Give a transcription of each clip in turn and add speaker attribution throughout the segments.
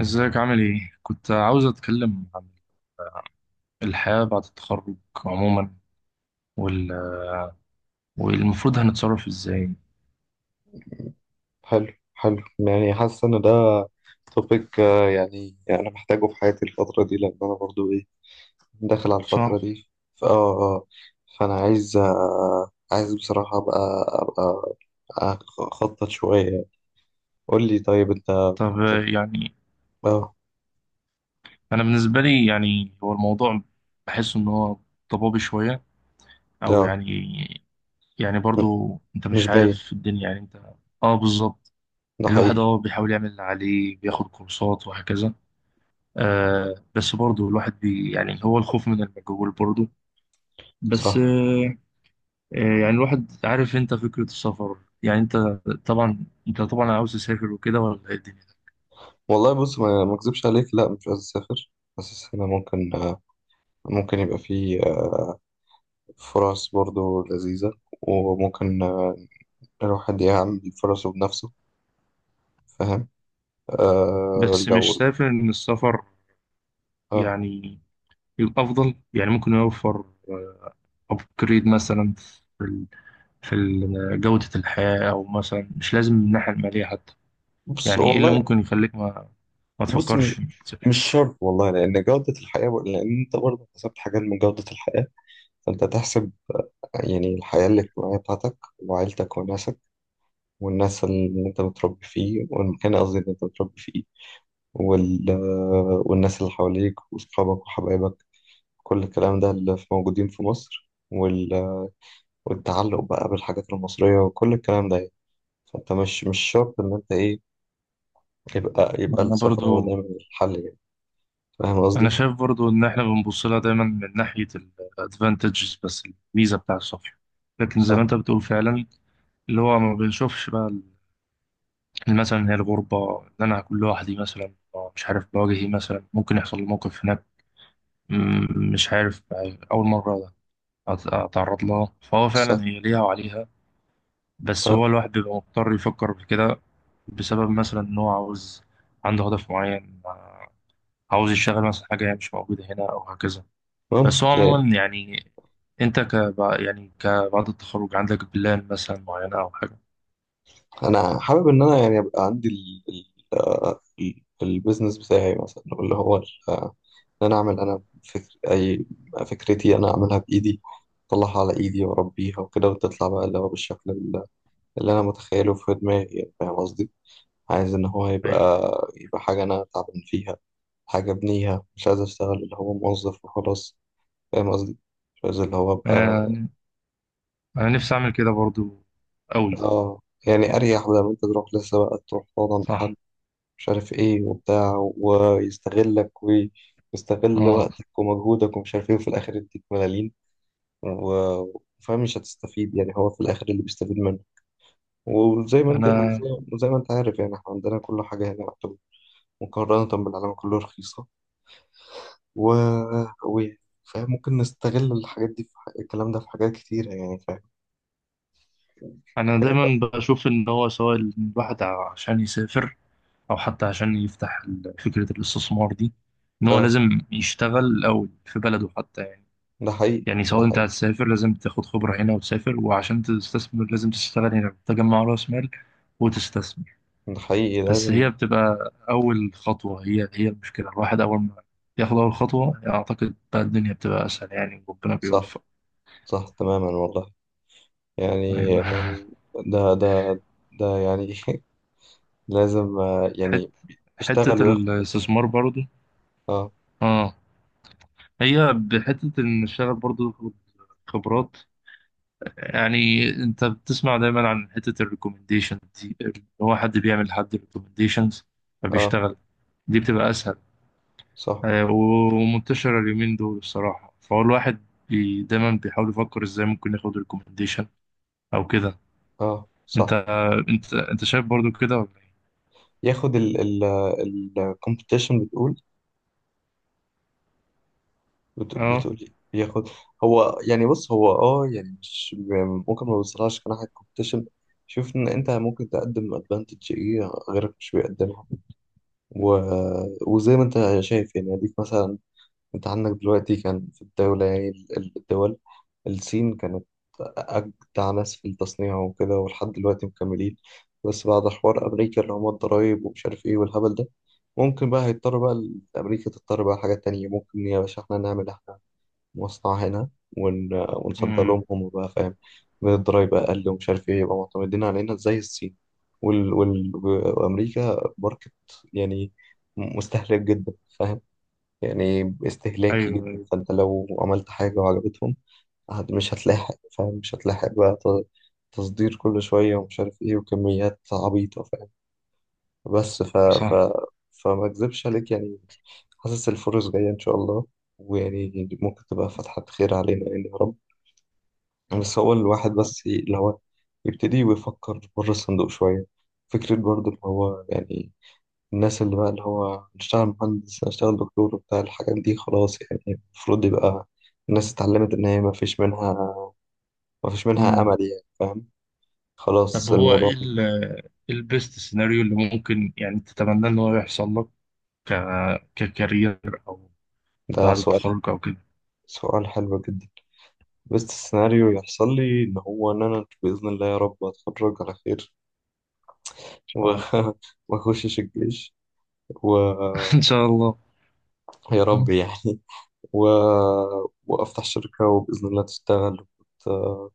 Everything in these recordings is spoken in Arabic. Speaker 1: ازيك عامل ايه؟ كنت عاوز اتكلم عن الحياة بعد التخرج عموما وال... والمفروض هنتصرف ازاي
Speaker 2: حلو حلو يعني حاسس ان ده توبيك. يعني انا محتاجه في حياتي الفترة دي لان انا برضو ايه داخل على الفترة
Speaker 1: صح؟
Speaker 2: دي. ف- اه آه. فانا عايز بصراحة ابقى ابقى أبقى اخطط شوية. قول لي طيب انت.
Speaker 1: طب
Speaker 2: طب-
Speaker 1: يعني
Speaker 2: اه
Speaker 1: انا بالنسبة لي يعني هو الموضوع بحس ان هو ضبابي شوية او
Speaker 2: لا.
Speaker 1: يعني
Speaker 2: م-
Speaker 1: برضو انت
Speaker 2: مش
Speaker 1: مش عارف
Speaker 2: باين،
Speaker 1: في الدنيا يعني انت. اه بالظبط.
Speaker 2: ده
Speaker 1: الواحد
Speaker 2: حقيقي.
Speaker 1: اه بيحاول يعمل اللي عليه، بياخد كورسات وهكذا. آه بس برضو الواحد بي يعني هو الخوف من المجهول برضو. بس
Speaker 2: صح
Speaker 1: آه. يعني الواحد عارف، انت فكرة السفر، يعني انت، طبعا انت طبعا عاوز تسافر وكده ولا ايه الدنيا؟
Speaker 2: والله بص ما اكذبش عليك، لا مش عايز اسافر، بس السنة ممكن، ممكن يبقى فيه فرص برضو لذيذة، وممكن الواحد يعمل فرصه بنفسه. فاهم؟
Speaker 1: بس مش
Speaker 2: لو...
Speaker 1: شايف ان السفر
Speaker 2: اه.
Speaker 1: يعني يبقى افضل؟ يعني ممكن يوفر ابجريد مثلا في ال- في جودة الحياة، او مثلا مش لازم من الناحية المالية حتى.
Speaker 2: بص
Speaker 1: يعني ايه اللي
Speaker 2: والله،
Speaker 1: ممكن يخليك ما
Speaker 2: بص مش
Speaker 1: تفكرش انك تسافر؟
Speaker 2: مش شرط والله، لأن جودة الحياة، لأن أنت برضه حسبت حاجات من جودة الحياة، فأنت تحسب يعني الحياة الاجتماعية بتاعتك وعيلتك وناسك، والناس اللي أنت متربي فيه، والمكان قصدي اللي أنت متربي فيه، وال... والناس اللي حواليك وأصحابك وحبايبك، كل الكلام ده اللي موجودين في مصر، والتعلق بقى بالحاجات المصرية وكل الكلام ده يعني. فأنت مش شرط إن أنت إيه، يبقى
Speaker 1: انا
Speaker 2: السفر هو
Speaker 1: برضو
Speaker 2: دايما الحل يعني. فاهم
Speaker 1: انا
Speaker 2: قصدي؟
Speaker 1: شايف برضو ان احنا بنبص لها دايما من ناحية الادفانتجز بس، الميزة بتاع السفر، لكن زي ما
Speaker 2: صح،
Speaker 1: انت بتقول فعلا اللي هو ما بنشوفش بقى مثلا هي الغربة اللي أنا هكون لوحدي مثلا. مش عارف بواجهي مثلا، ممكن يحصل لي موقف هناك مش عارف، أول مرة أتعرض لها، فهو فعلا
Speaker 2: صح،
Speaker 1: هي ليها وعليها. بس هو
Speaker 2: آه.
Speaker 1: الواحد بيبقى مضطر يفكر في كده بسبب مثلا إن هو عاوز، عنده هدف معين. عاوز يشتغل مثلا حاجة هي مش موجودة هنا أو هكذا. بس هو
Speaker 2: ممكن يعني.
Speaker 1: عموما يعني، أنت ك يعني كبعد التخرج عندك بلان مثلا معينة أو حاجة؟
Speaker 2: أنا حابب إن أنا يعني يبقى عندي البيزنس بتاعي مثلا، اللي هو إن أنا أعمل، أنا فكر أي فكرتي أنا أعملها بإيدي، أطلعها على إيدي وأربيها وكده، وتطلع بقى اللي هو بالشكل اللي أنا متخيله في دماغي. يعني فاهم قصدي؟ عايز إن هو يبقى
Speaker 1: أيوه.
Speaker 2: حاجة أنا تعبان فيها، حاجة أبنيها، مش عايز أشتغل اللي هو موظف وخلاص. فاهم قصدي؟ مش عايز اللي هو
Speaker 1: أنا
Speaker 2: ابقى...
Speaker 1: يعني انا نفسي اعمل كده برضو، قوي.
Speaker 2: اه يعني اريح، بدل ما انت تروح لسه بقى تروح تقعد عند حد
Speaker 1: صح.
Speaker 2: مش عارف ايه وبتاع، ويستغلك ويستغل
Speaker 1: اه.
Speaker 2: وقتك ومجهودك ومش عارف ايه، وفي الاخر يديك ملاليم. وفاهم مش هتستفيد، يعني هو في الاخر اللي بيستفيد منه. وزي ما انت وزي,
Speaker 1: انا
Speaker 2: وزي ما انت عارف يعني احنا عندنا كل حاجه هنا يعتبر مقارنه بالعالم كله رخيصه. و... يعني فاهم، ممكن نستغل الحاجات دي في الكلام ده في حاجات كتيره يعني. فاهم؟
Speaker 1: انا دايما بشوف ان هو سواء الواحد عشان يسافر او حتى عشان يفتح فكرة الاستثمار دي، ان هو
Speaker 2: اه.
Speaker 1: لازم يشتغل الاول في بلده حتى، يعني.
Speaker 2: ده حقيقي،
Speaker 1: يعني
Speaker 2: ده
Speaker 1: سواء انت
Speaker 2: حقيقي.
Speaker 1: هتسافر، لازم تاخد خبرة هنا وتسافر، وعشان تستثمر لازم تشتغل هنا تجمع راس مال وتستثمر.
Speaker 2: ده حقيقي
Speaker 1: بس
Speaker 2: لازم.
Speaker 1: هي بتبقى اول خطوة، هي المشكلة، الواحد اول ما ياخد اول خطوة اعتقد بقى الدنيا بتبقى اسهل يعني، وربنا
Speaker 2: صح،
Speaker 1: بيوفق.
Speaker 2: صح تماما والله
Speaker 1: ايوه.
Speaker 2: يعني. ده ده ده يعني لازم،
Speaker 1: حت...
Speaker 2: يعني يشتغل
Speaker 1: حتة
Speaker 2: وياخد خبرة.
Speaker 1: الاستثمار برضو.
Speaker 2: اه.
Speaker 1: اه. هي بحتة ان الشغل برضو تاخد خبرات، يعني انت بتسمع دايما عن حتة الريكومنديشن دي، اللي هو حد بيعمل لحد ريكومنديشنز
Speaker 2: اه،
Speaker 1: فبيشتغل، دي بتبقى اسهل.
Speaker 2: صح،
Speaker 1: آه، ومنتشرة اليومين دول الصراحة، فهو الواحد دايما بيحاول يفكر ازاي ممكن ياخد ريكومنديشن او كده.
Speaker 2: اه صح،
Speaker 1: انت انت شايف برضو كده ولا ايه؟
Speaker 2: ياخد ال الكومبيتيشن بتقول.
Speaker 1: اه.
Speaker 2: بتقول إيه؟ ياخد. هو يعني بص، هو يعني مش ممكن، ما بيوصلهاش كناحية كومبيتيشن. شوف ان انت ممكن تقدم ادفانتج ايه غيرك مش بيقدمها. و... وزي ما انت شايف يعني اديك مثلا، انت عندك دلوقتي كان في الدولة، يعني الدول، الصين كانت أجدع ناس في التصنيع وكده، ولحد دلوقتي مكملين. بس بعد حوار أمريكا اللي هما الضرايب ومش عارف إيه والهبل ده، ممكن بقى هيضطر بقى أمريكا تضطر بقى حاجات تانية. ممكن يا باشا إحنا نعمل إحنا مصنع هنا، ون... ونصدر
Speaker 1: امم.
Speaker 2: لهم هم بقى، فاهم؟ من الضرايب أقل ومش عارف إيه، يبقى معتمدين علينا زي الصين. وال... وال... وأمريكا ماركت يعني مستهلك جدا. فاهم؟ يعني استهلاكي
Speaker 1: ايوه
Speaker 2: جدا،
Speaker 1: ايوه.
Speaker 2: فانت لو عملت حاجة وعجبتهم، مش هتلاحق، فاهم؟ مش هتلاحق بقى تصدير كل شوية ومش عارف ايه وكميات عبيطة، فاهم؟ بس
Speaker 1: صح.
Speaker 2: فما اكذبش عليك يعني، حاسس الفرص جاية ان شاء الله، ويعني ممكن تبقى فتحة خير علينا يعني يا رب. بس هو الواحد بس اللي هو يبتدي ويفكر بره الصندوق شوية، فكرة برضه اللي هو يعني الناس اللي بقى اللي هو اشتغل مهندس، اشتغل دكتور وبتاع الحاجات دي خلاص يعني. المفروض يبقى الناس اتعلمت ان هي ما فيش منها، ما فيش منها امل يعني، فاهم؟
Speaker 1: طب
Speaker 2: خلاص
Speaker 1: هو
Speaker 2: الموضوع.
Speaker 1: ايه إيه البيست سيناريو اللي ممكن يعني تتمنى ان هو يحصل لك ك ككارير او
Speaker 2: ده
Speaker 1: بعد
Speaker 2: سؤال
Speaker 1: التخرج او كده؟
Speaker 2: سؤال حلو جدا. بس السيناريو يحصل لي ان هو ان انا باذن الله يا رب اتخرج على خير،
Speaker 1: ان شاء
Speaker 2: و-
Speaker 1: الله.
Speaker 2: وما اخشش الجيش، ويا
Speaker 1: ان شاء الله.
Speaker 2: رب يعني و... وافتح شركة وباذن الله تشتغل، وت...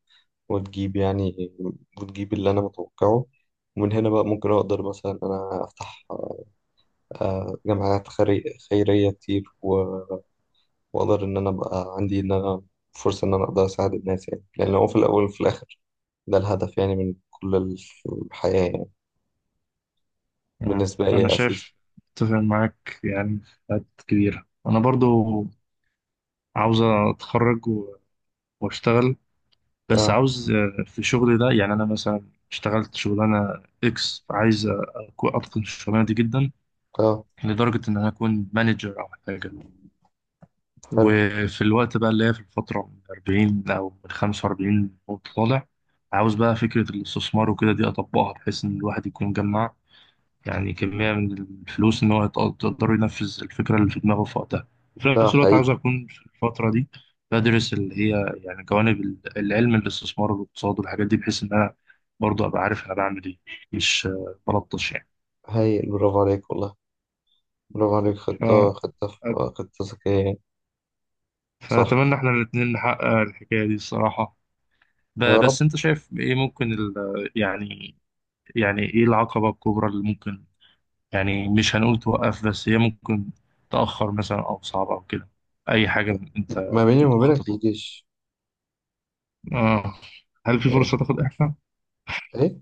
Speaker 2: وتجيب يعني وتجيب اللي أنا متوقعه. ومن هنا بقى ممكن أقدر مثلا إن أنا أفتح جمعيات خيرية كتير، وأقدر إن أنا أبقى عندي إن أنا فرصة إن أنا أقدر أساعد الناس. يعني لأن هو في الأول وفي الآخر ده الهدف يعني من كل الحياة يعني
Speaker 1: آه،
Speaker 2: بالنسبة
Speaker 1: انا
Speaker 2: لي أتليست.
Speaker 1: شايف، اتفق معاك يعني في حاجات كبيرة. انا برضو عاوز اتخرج واشتغل، بس
Speaker 2: آه،
Speaker 1: عاوز آه، في شغلي ده يعني انا مثلا اشتغلت شغلانة اكس، عايز اتقن الشغلانة دي جدا،
Speaker 2: آه
Speaker 1: لدرجة ان انا اكون مانجر او حاجة.
Speaker 2: حلو،
Speaker 1: وفي الوقت بقى اللي هي في الفترة من 40 أو من 45 وطالع، عاوز بقى فكرة الاستثمار وكده دي أطبقها، بحيث إن الواحد يكون جمع يعني كمية من الفلوس إن هو يقدر ينفذ الفكرة اللي في دماغه في وقتها. وفي
Speaker 2: ده
Speaker 1: نفس الوقت عاوز
Speaker 2: حقيقي،
Speaker 1: أكون في الفترة دي بدرس اللي هي يعني جوانب العلم، الاستثمار والاقتصاد والحاجات دي، بحيث إن أنا برضه أبقى عارف أنا بعمل إيه، مش آه، بلطش يعني.
Speaker 2: هايل، برافو عليك والله، برافو عليك،
Speaker 1: ف...
Speaker 2: خطة، خطة ذكية يعني. صح،
Speaker 1: فأتمنى إحنا الاتنين نحقق الحكاية دي الصراحة.
Speaker 2: يا رب.
Speaker 1: بس انت شايف ايه ممكن ال... يعني، يعني ايه العقبة الكبرى اللي ممكن يعني مش هنقول توقف، بس هي ممكن تأخر مثلا او صعبة او كده، اي حاجة انت
Speaker 2: ما بيني
Speaker 1: ممكن
Speaker 2: وما بينك
Speaker 1: تخطط لها؟
Speaker 2: الجيش.
Speaker 1: آه. هل في
Speaker 2: إيه،
Speaker 1: فرصة تاخد إعفاء؟
Speaker 2: إيه؟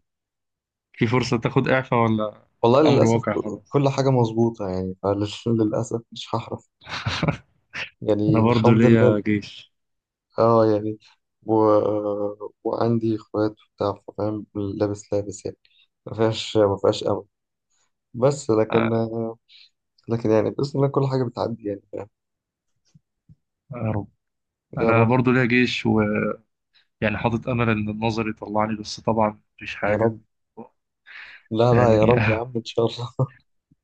Speaker 1: في فرصة تاخد إعفاء ولا
Speaker 2: والله
Speaker 1: أمر
Speaker 2: للأسف
Speaker 1: واقع خلاص؟
Speaker 2: كل حاجة مظبوطة يعني، فللأسف مش هحرف يعني،
Speaker 1: أنا برضو
Speaker 2: الحمد
Speaker 1: ليا
Speaker 2: لله.
Speaker 1: جيش.
Speaker 2: اه يعني، و... وعندي اخوات وبتاع، فاهم؟ لابس لابس يعني، ما فيهاش، ما فيهاش امل. بس لكن،
Speaker 1: آه،
Speaker 2: لكن يعني بإذن الله كل حاجة بتعدي يعني، فاهم؟
Speaker 1: يا رب.
Speaker 2: يا
Speaker 1: أنا
Speaker 2: رب،
Speaker 1: برضو ليا جيش ويعني حاطط أمل إن النظر يطلعني، بس طبعا مفيش
Speaker 2: يا
Speaker 1: حاجة
Speaker 2: رب، لا لا يا
Speaker 1: يعني.
Speaker 2: رب يا عم ان شاء الله.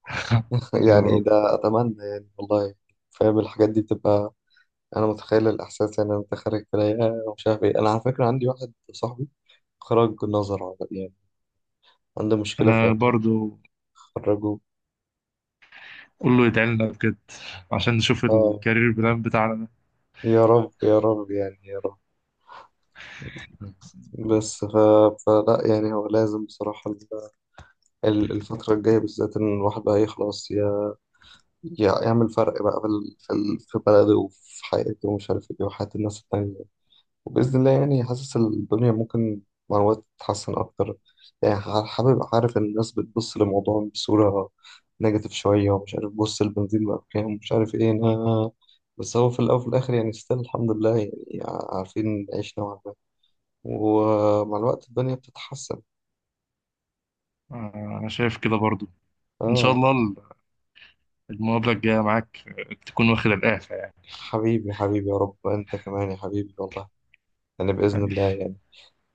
Speaker 1: يا
Speaker 2: يعني
Speaker 1: رب.
Speaker 2: ده اتمنى يعني والله، فاهم الحاجات دي بتبقى. انا متخيل الاحساس يعني انت خارج في العيادة ومش عارف ايه. انا على فكرة عندي واحد صاحبي خرج نظر عملي، عنده مشكلة في
Speaker 1: أنا
Speaker 2: عيشه،
Speaker 1: برضو
Speaker 2: خرجوه.
Speaker 1: كله يدعي لنا بجد عشان نشوف
Speaker 2: اه
Speaker 1: الكارير بلان بتاعنا ده.
Speaker 2: يا رب، يا رب يعني، يا رب. بس فلا يعني هو لازم بصراحة، الفترة الجاية بالذات إن الواحد بقى يخلص يعمل فرق بقى في بلده وفي حياته ومش عارف إيه، وحياة الناس التانية، وبإذن الله يعني حاسس الدنيا ممكن مع الوقت تتحسن أكتر. يعني حابب أعرف إن الناس بتبص للموضوع بصورة نيجاتيف شوية ومش عارف، بص البنزين بقى بكام ومش عارف إيه، أنا بس هو في الأول وفي الآخر يعني ستيل الحمد لله يعني عارفين نعيش نوعا ما، ومع الوقت الدنيا بتتحسن.
Speaker 1: آه، انا شايف كده برضو. ان شاء
Speaker 2: آه.
Speaker 1: الله المقابله الجايه معاك آه، تكون واخد الاعفاء يعني.
Speaker 2: حبيبي، حبيبي، يا رب أنت كمان يا حبيبي والله، يعني بإذن
Speaker 1: حبيبي.
Speaker 2: الله يعني.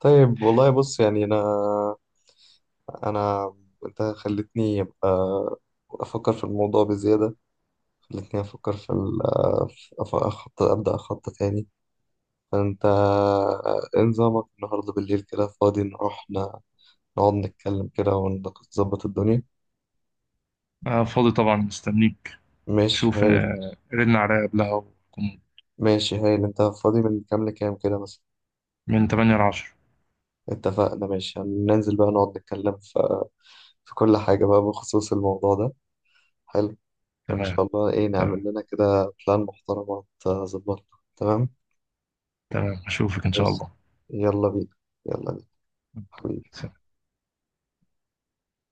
Speaker 2: طيب والله بص يعني، أنا أنا أنت خلتني أبقى أفكر في الموضوع بزيادة، خلتني أفكر أخطط، أبدأ أخطط تاني. فأنت إيه نظامك النهاردة بالليل، كده فاضي نروح نقعد نتكلم كده ونظبط الدنيا؟
Speaker 1: انا فاضي طبعا، مستنيك.
Speaker 2: ماشي
Speaker 1: شوف
Speaker 2: هايل.
Speaker 1: آه، رن عليا قبلها وكون
Speaker 2: ماشي هايل. أنت فاضي من كام لكام كده مثلا؟
Speaker 1: من 8 ل 10.
Speaker 2: اتفقنا، ماشي، هننزل بقى نقعد نتكلم في كل حاجة بقى بخصوص الموضوع ده، حلو. وإن
Speaker 1: تمام.
Speaker 2: شاء الله إيه نعمل
Speaker 1: تمام.
Speaker 2: لنا كده بلان محترمة تظبطنا. تمام.
Speaker 1: تمام اشوفك ان شاء
Speaker 2: بس يلا بينا، يلا بينا، حبيبي.
Speaker 1: الله.